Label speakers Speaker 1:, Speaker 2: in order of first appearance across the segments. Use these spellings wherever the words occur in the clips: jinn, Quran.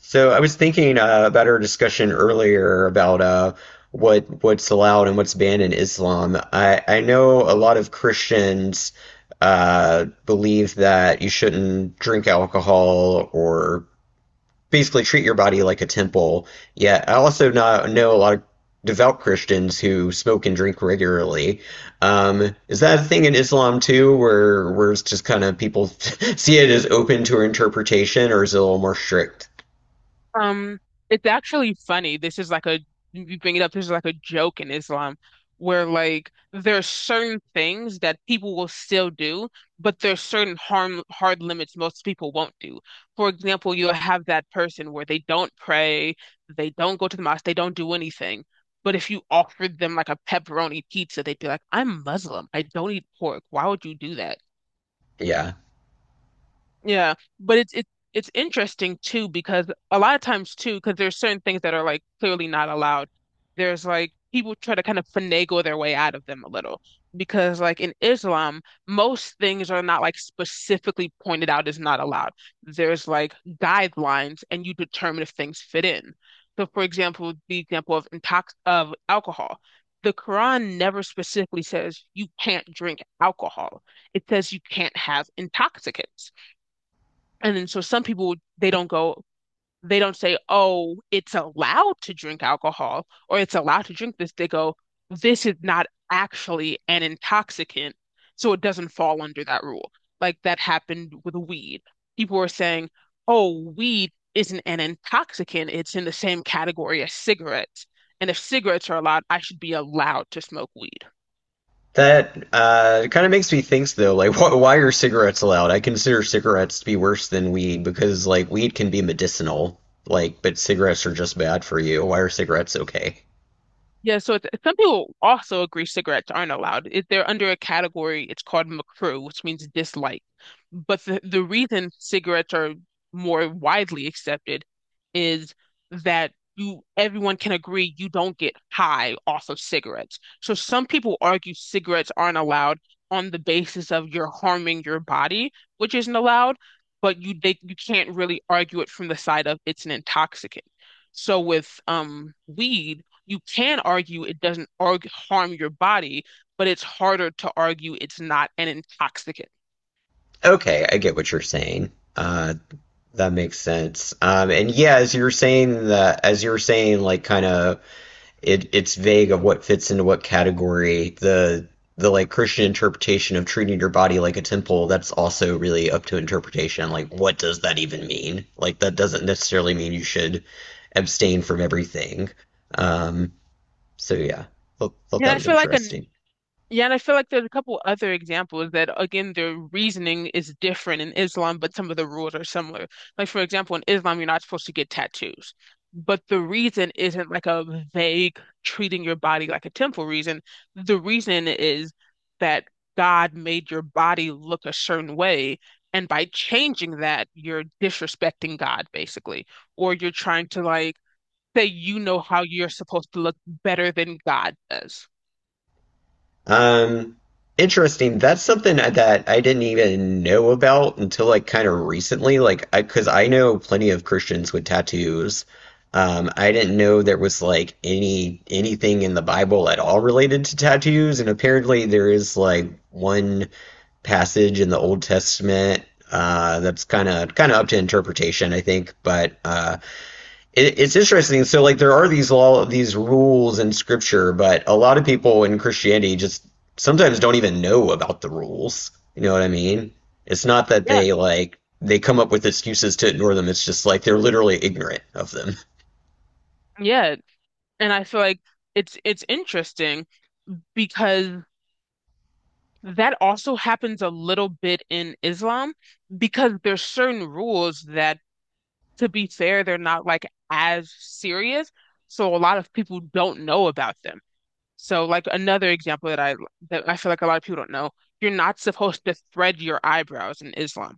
Speaker 1: So I was thinking about our discussion earlier about what's allowed and what's banned in Islam. I know a lot of Christians believe that you shouldn't drink alcohol or basically treat your body like a temple. Yet I also not know a lot of devout Christians who smoke and drink regularly. Is that a thing in Islam too, where it's just kind of people see it as open to interpretation, or is it a little more strict?
Speaker 2: Um, it's actually funny. This is like a You bring it up. This is like a joke in Islam, where like there are certain things that people will still do, but there's certain harm hard limits most people won't do. For example, you'll have that person where they don't pray, they don't go to the mosque, they don't do anything. But if you offered them like a pepperoni pizza, they'd be like, "I'm Muslim. I don't eat pork. Why would you do that?"
Speaker 1: Yeah.
Speaker 2: Yeah, but it's interesting too because a lot of times too because there's certain things that are like clearly not allowed. There's like people try to kind of finagle their way out of them a little because like in Islam, most things are not like specifically pointed out as not allowed. There's like guidelines and you determine if things fit in. So for example, the example of intox of alcohol. The Quran never specifically says you can't drink alcohol. It says you can't have intoxicants. And then so some people they don't say, "Oh, it's allowed to drink alcohol or it's allowed to drink this." They go, "This is not actually an intoxicant, so it doesn't fall under that rule." Like that happened with weed. People were saying, "Oh, weed isn't an intoxicant. It's in the same category as cigarettes. And if cigarettes are allowed, I should be allowed to smoke weed."
Speaker 1: That kind of makes me think, though, like, wh why are cigarettes allowed? I consider cigarettes to be worse than weed because, like, weed can be medicinal, like, but cigarettes are just bad for you. Why are cigarettes okay?
Speaker 2: Yeah, so some people also agree cigarettes aren't allowed. If they're under a category, it's called McCrew, which means dislike. But the reason cigarettes are more widely accepted is that you everyone can agree you don't get high off of cigarettes. So some people argue cigarettes aren't allowed on the basis of you're harming your body, which isn't allowed, but you can't really argue it from the side of it's an intoxicant. So with weed you can argue it doesn't arg harm your body, but it's harder to argue it's not an intoxicant.
Speaker 1: Okay, I get what you're saying. That makes sense. And yeah, as you were saying that, as you were saying, like, kind of it's vague of what fits into what category. The like Christian interpretation of treating your body like a temple, that's also really up to interpretation. Like what does that even mean? Like that doesn't necessarily mean you should abstain from everything. Um so yeah. Thought
Speaker 2: And
Speaker 1: that
Speaker 2: I
Speaker 1: was
Speaker 2: feel like a
Speaker 1: interesting.
Speaker 2: Yeah, and I feel like there's a couple other examples that, again, their reasoning is different in Islam, but some of the rules are similar. Like, for example, in Islam, you're not supposed to get tattoos, but the reason isn't like a vague treating your body like a temple reason. The reason is that God made your body look a certain way, and by changing that, you're disrespecting God, basically, or you're trying to like say you know how you're supposed to look better than God does.
Speaker 1: Um, Interesting. That's something that I didn't even know about until like kind of recently. Like, I, because I know plenty of Christians with tattoos. I didn't know there was like anything in the Bible at all related to tattoos, and apparently there is like one passage in the Old Testament that's kind of up to interpretation, I think. But it's interesting. So, like, there are these rules in scripture, but a lot of people in Christianity just sometimes don't even know about the rules. You know what I mean? It's not that
Speaker 2: Yeah,
Speaker 1: they like they come up with excuses to ignore them. It's just like they're literally ignorant of them.
Speaker 2: yeah. And I feel like it's interesting because that also happens a little bit in Islam because there's certain rules that, to be fair, they're not like as serious. So a lot of people don't know about them. So like another example that I feel like a lot of people don't know, you're not supposed to thread your eyebrows in Islam.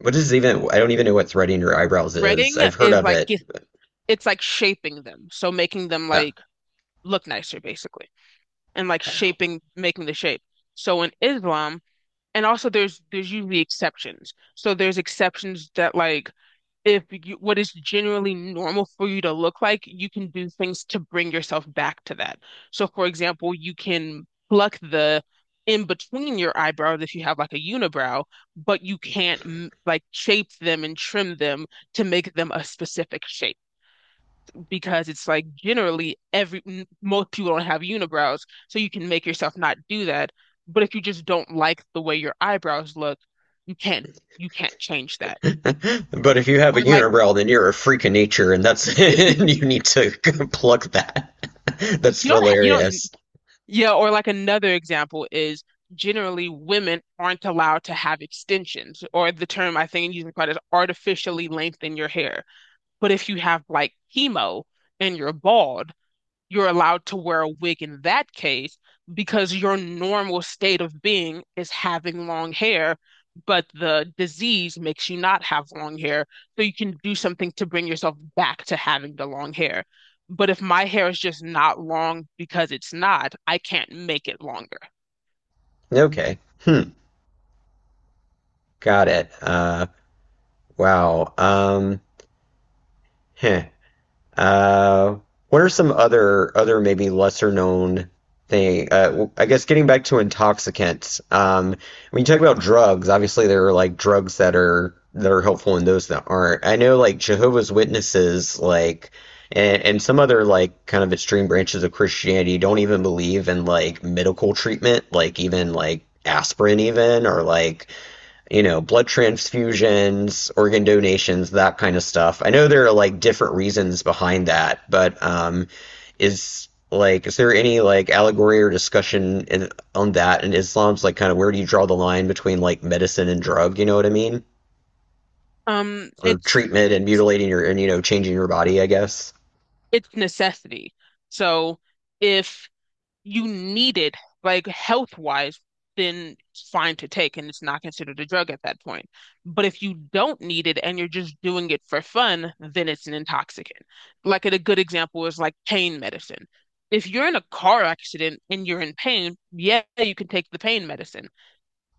Speaker 1: What is even? I don't even know what threading your eyebrows is.
Speaker 2: Threading
Speaker 1: I've heard
Speaker 2: is
Speaker 1: of
Speaker 2: like
Speaker 1: it.
Speaker 2: it's like shaping them, so making them
Speaker 1: Uh,
Speaker 2: like look nicer basically, and like shaping, making the shape. So in Islam and also there's usually exceptions. So there's exceptions that like if you what is generally normal for you to look like, you can do things to bring yourself back to that. So for example, you can pluck the in between your eyebrows if you have like a unibrow, but you can't like shape them and trim them to make them a specific shape because it's like generally every most people don't have unibrows, so you can make yourself not do that. But if you just don't like the way your eyebrows look, you can't you can't change that.
Speaker 1: But if you have a
Speaker 2: Or like
Speaker 1: unibrow, then you're a freak of nature, and that's and you need to pluck that. That's
Speaker 2: you don't ha- you don't
Speaker 1: hilarious.
Speaker 2: Yeah. Or like another example is generally women aren't allowed to have extensions, or the term I think using quite is artificially lengthen your hair. But if you have like chemo and you're bald you're allowed to wear a wig in that case because your normal state of being is having long hair, but the disease makes you not have long hair. So you can do something to bring yourself back to having the long hair. But if my hair is just not long because it's not, I can't make it longer.
Speaker 1: Okay. Hmm. Got it. Wow. Heh. Uh, what are some other maybe lesser known thing? I guess getting back to intoxicants. When you talk about drugs, obviously there are like drugs that are helpful and those that aren't. I know like Jehovah's Witnesses, like and some other like kind of extreme branches of Christianity don't even believe in like medical treatment, like even like aspirin even or like you know, blood transfusions, organ donations, that kind of stuff. I know there are like different reasons behind that, but is like is there any like allegory or discussion on that in Islam's like kind of where do you draw the line between like medicine and drug, you know what I mean?
Speaker 2: Um,
Speaker 1: Or
Speaker 2: it's
Speaker 1: treatment and mutilating your and you know changing your body, I guess.
Speaker 2: it's necessity. So if you need it, like health wise, then it's fine to take and it's not considered a drug at that point. But if you don't need it and you're just doing it for fun, then it's an intoxicant. Like a good example is like pain medicine. If you're in a car accident and you're in pain, yeah, you can take the pain medicine.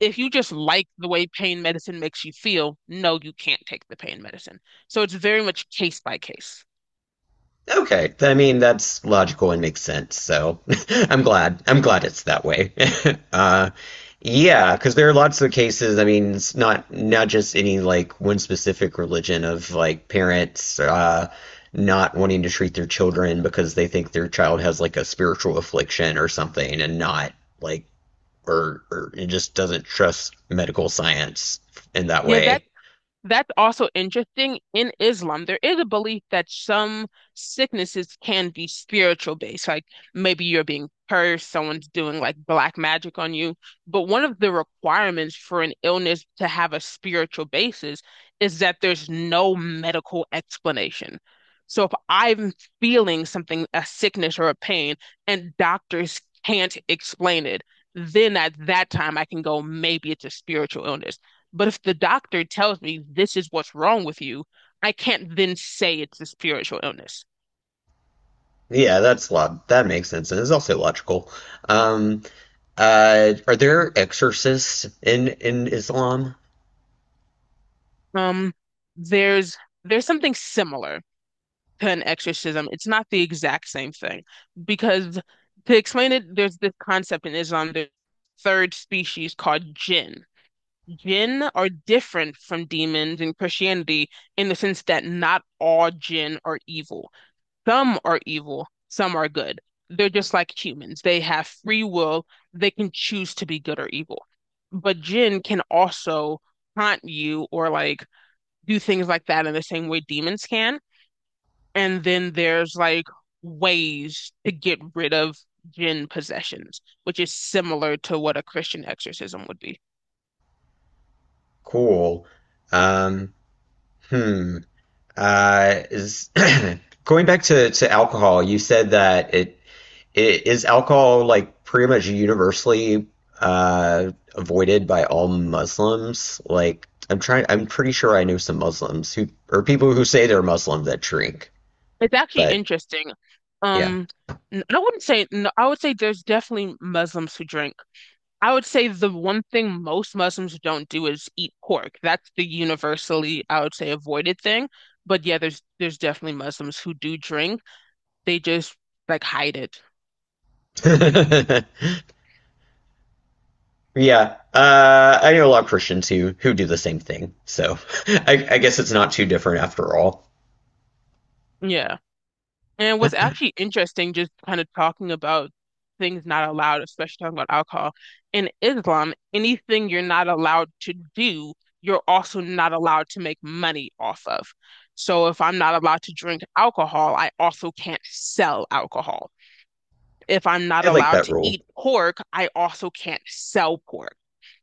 Speaker 2: If you just like the way pain medicine makes you feel, no, you can't take the pain medicine. So it's very much case by case.
Speaker 1: Okay, I mean that's logical and makes sense. So I'm glad. I'm glad it's that way. uh, yeah, because there are lots of cases. I mean, it's not just any like one specific religion of like parents not wanting to treat their children because they think their child has like a spiritual affliction or something, and not like or it just doesn't trust medical science in that
Speaker 2: Yeah, that
Speaker 1: way.
Speaker 2: That's also interesting. In Islam, there is a belief that some sicknesses can be spiritual based, like maybe you're being cursed, someone's doing like black magic on you. But one of the requirements for an illness to have a spiritual basis is that there's no medical explanation. So if I'm feeling something, a sickness or a pain, and doctors can't explain it, then at that time I can go, maybe it's a spiritual illness. But if the doctor tells me this is what's wrong with you, I can't then say it's a spiritual illness.
Speaker 1: Yeah, that makes sense, and it's also logical. Um, are there exorcists in Islam?
Speaker 2: Um, there's there's something similar to an exorcism. It's not the exact same thing because to explain it, there's this concept in Islam, the third species called jinn. Jinn are different from demons in Christianity in the sense that not all jinn are evil. Some are evil, some are good. They're just like humans. They have free will. They can choose to be good or evil. But Jinn can also haunt you or like do things like that in the same way demons can. And then there's like ways to get rid of Jinn possessions, which is similar to what a Christian exorcism would be.
Speaker 1: Cool. Um, hmm. Is going back to alcohol, you said that it is alcohol like pretty much universally avoided by all Muslims? Like I'm pretty sure I know some Muslims who or people who say they're Muslim that drink.
Speaker 2: It's actually
Speaker 1: But
Speaker 2: interesting.
Speaker 1: yeah.
Speaker 2: Um, I wouldn't say, no, I would say there's definitely Muslims who drink I would say the one thing most Muslims don't do is eat pork. That's the universally, I would say, avoided thing. But yeah, there's definitely Muslims who do drink. They just like hide it.
Speaker 1: Yeah, I know a lot of Christians who do the same thing, so I guess it's not too different after all.
Speaker 2: Yeah. And what's actually interesting, just kind of talking about things not allowed, especially talking about alcohol, in Islam, anything you're not allowed to do, you're also not allowed to make money off of. So if I'm not allowed to drink alcohol, I also can't sell alcohol. If I'm not
Speaker 1: I like
Speaker 2: allowed
Speaker 1: that
Speaker 2: to
Speaker 1: rule.
Speaker 2: eat pork, I also can't sell pork.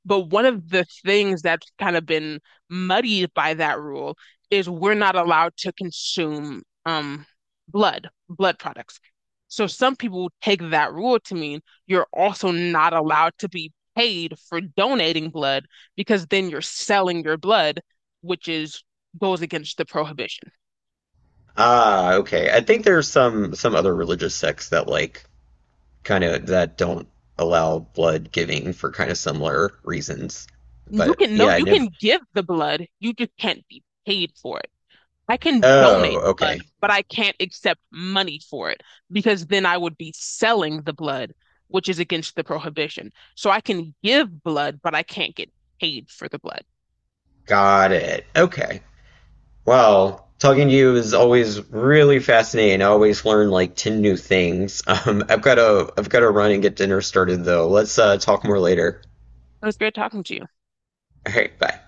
Speaker 2: But one of the things that's kind of been muddied by that rule is we're not allowed to consume blood, blood products. So some people take that rule to mean you're also not allowed to be paid for donating blood because then you're selling your blood, which is goes against the prohibition.
Speaker 1: Ah, okay. I think there's some other religious sects that like kind of that don't allow blood giving for kind of similar reasons.
Speaker 2: You
Speaker 1: But
Speaker 2: can no,
Speaker 1: yeah, I
Speaker 2: you
Speaker 1: never.
Speaker 2: can give the blood, you just can't be paid for it. I can
Speaker 1: Oh,
Speaker 2: donate blood,
Speaker 1: okay.
Speaker 2: but I can't accept money for it because then I would be selling the blood, which is against the prohibition. So I can give blood, but I can't get paid for the blood.
Speaker 1: Got it. Okay. Well, talking to you is always really fascinating. I always learn like 10 new things. I've got to run and get dinner started though. Let's talk more later.
Speaker 2: It was great talking to you.
Speaker 1: All right, bye.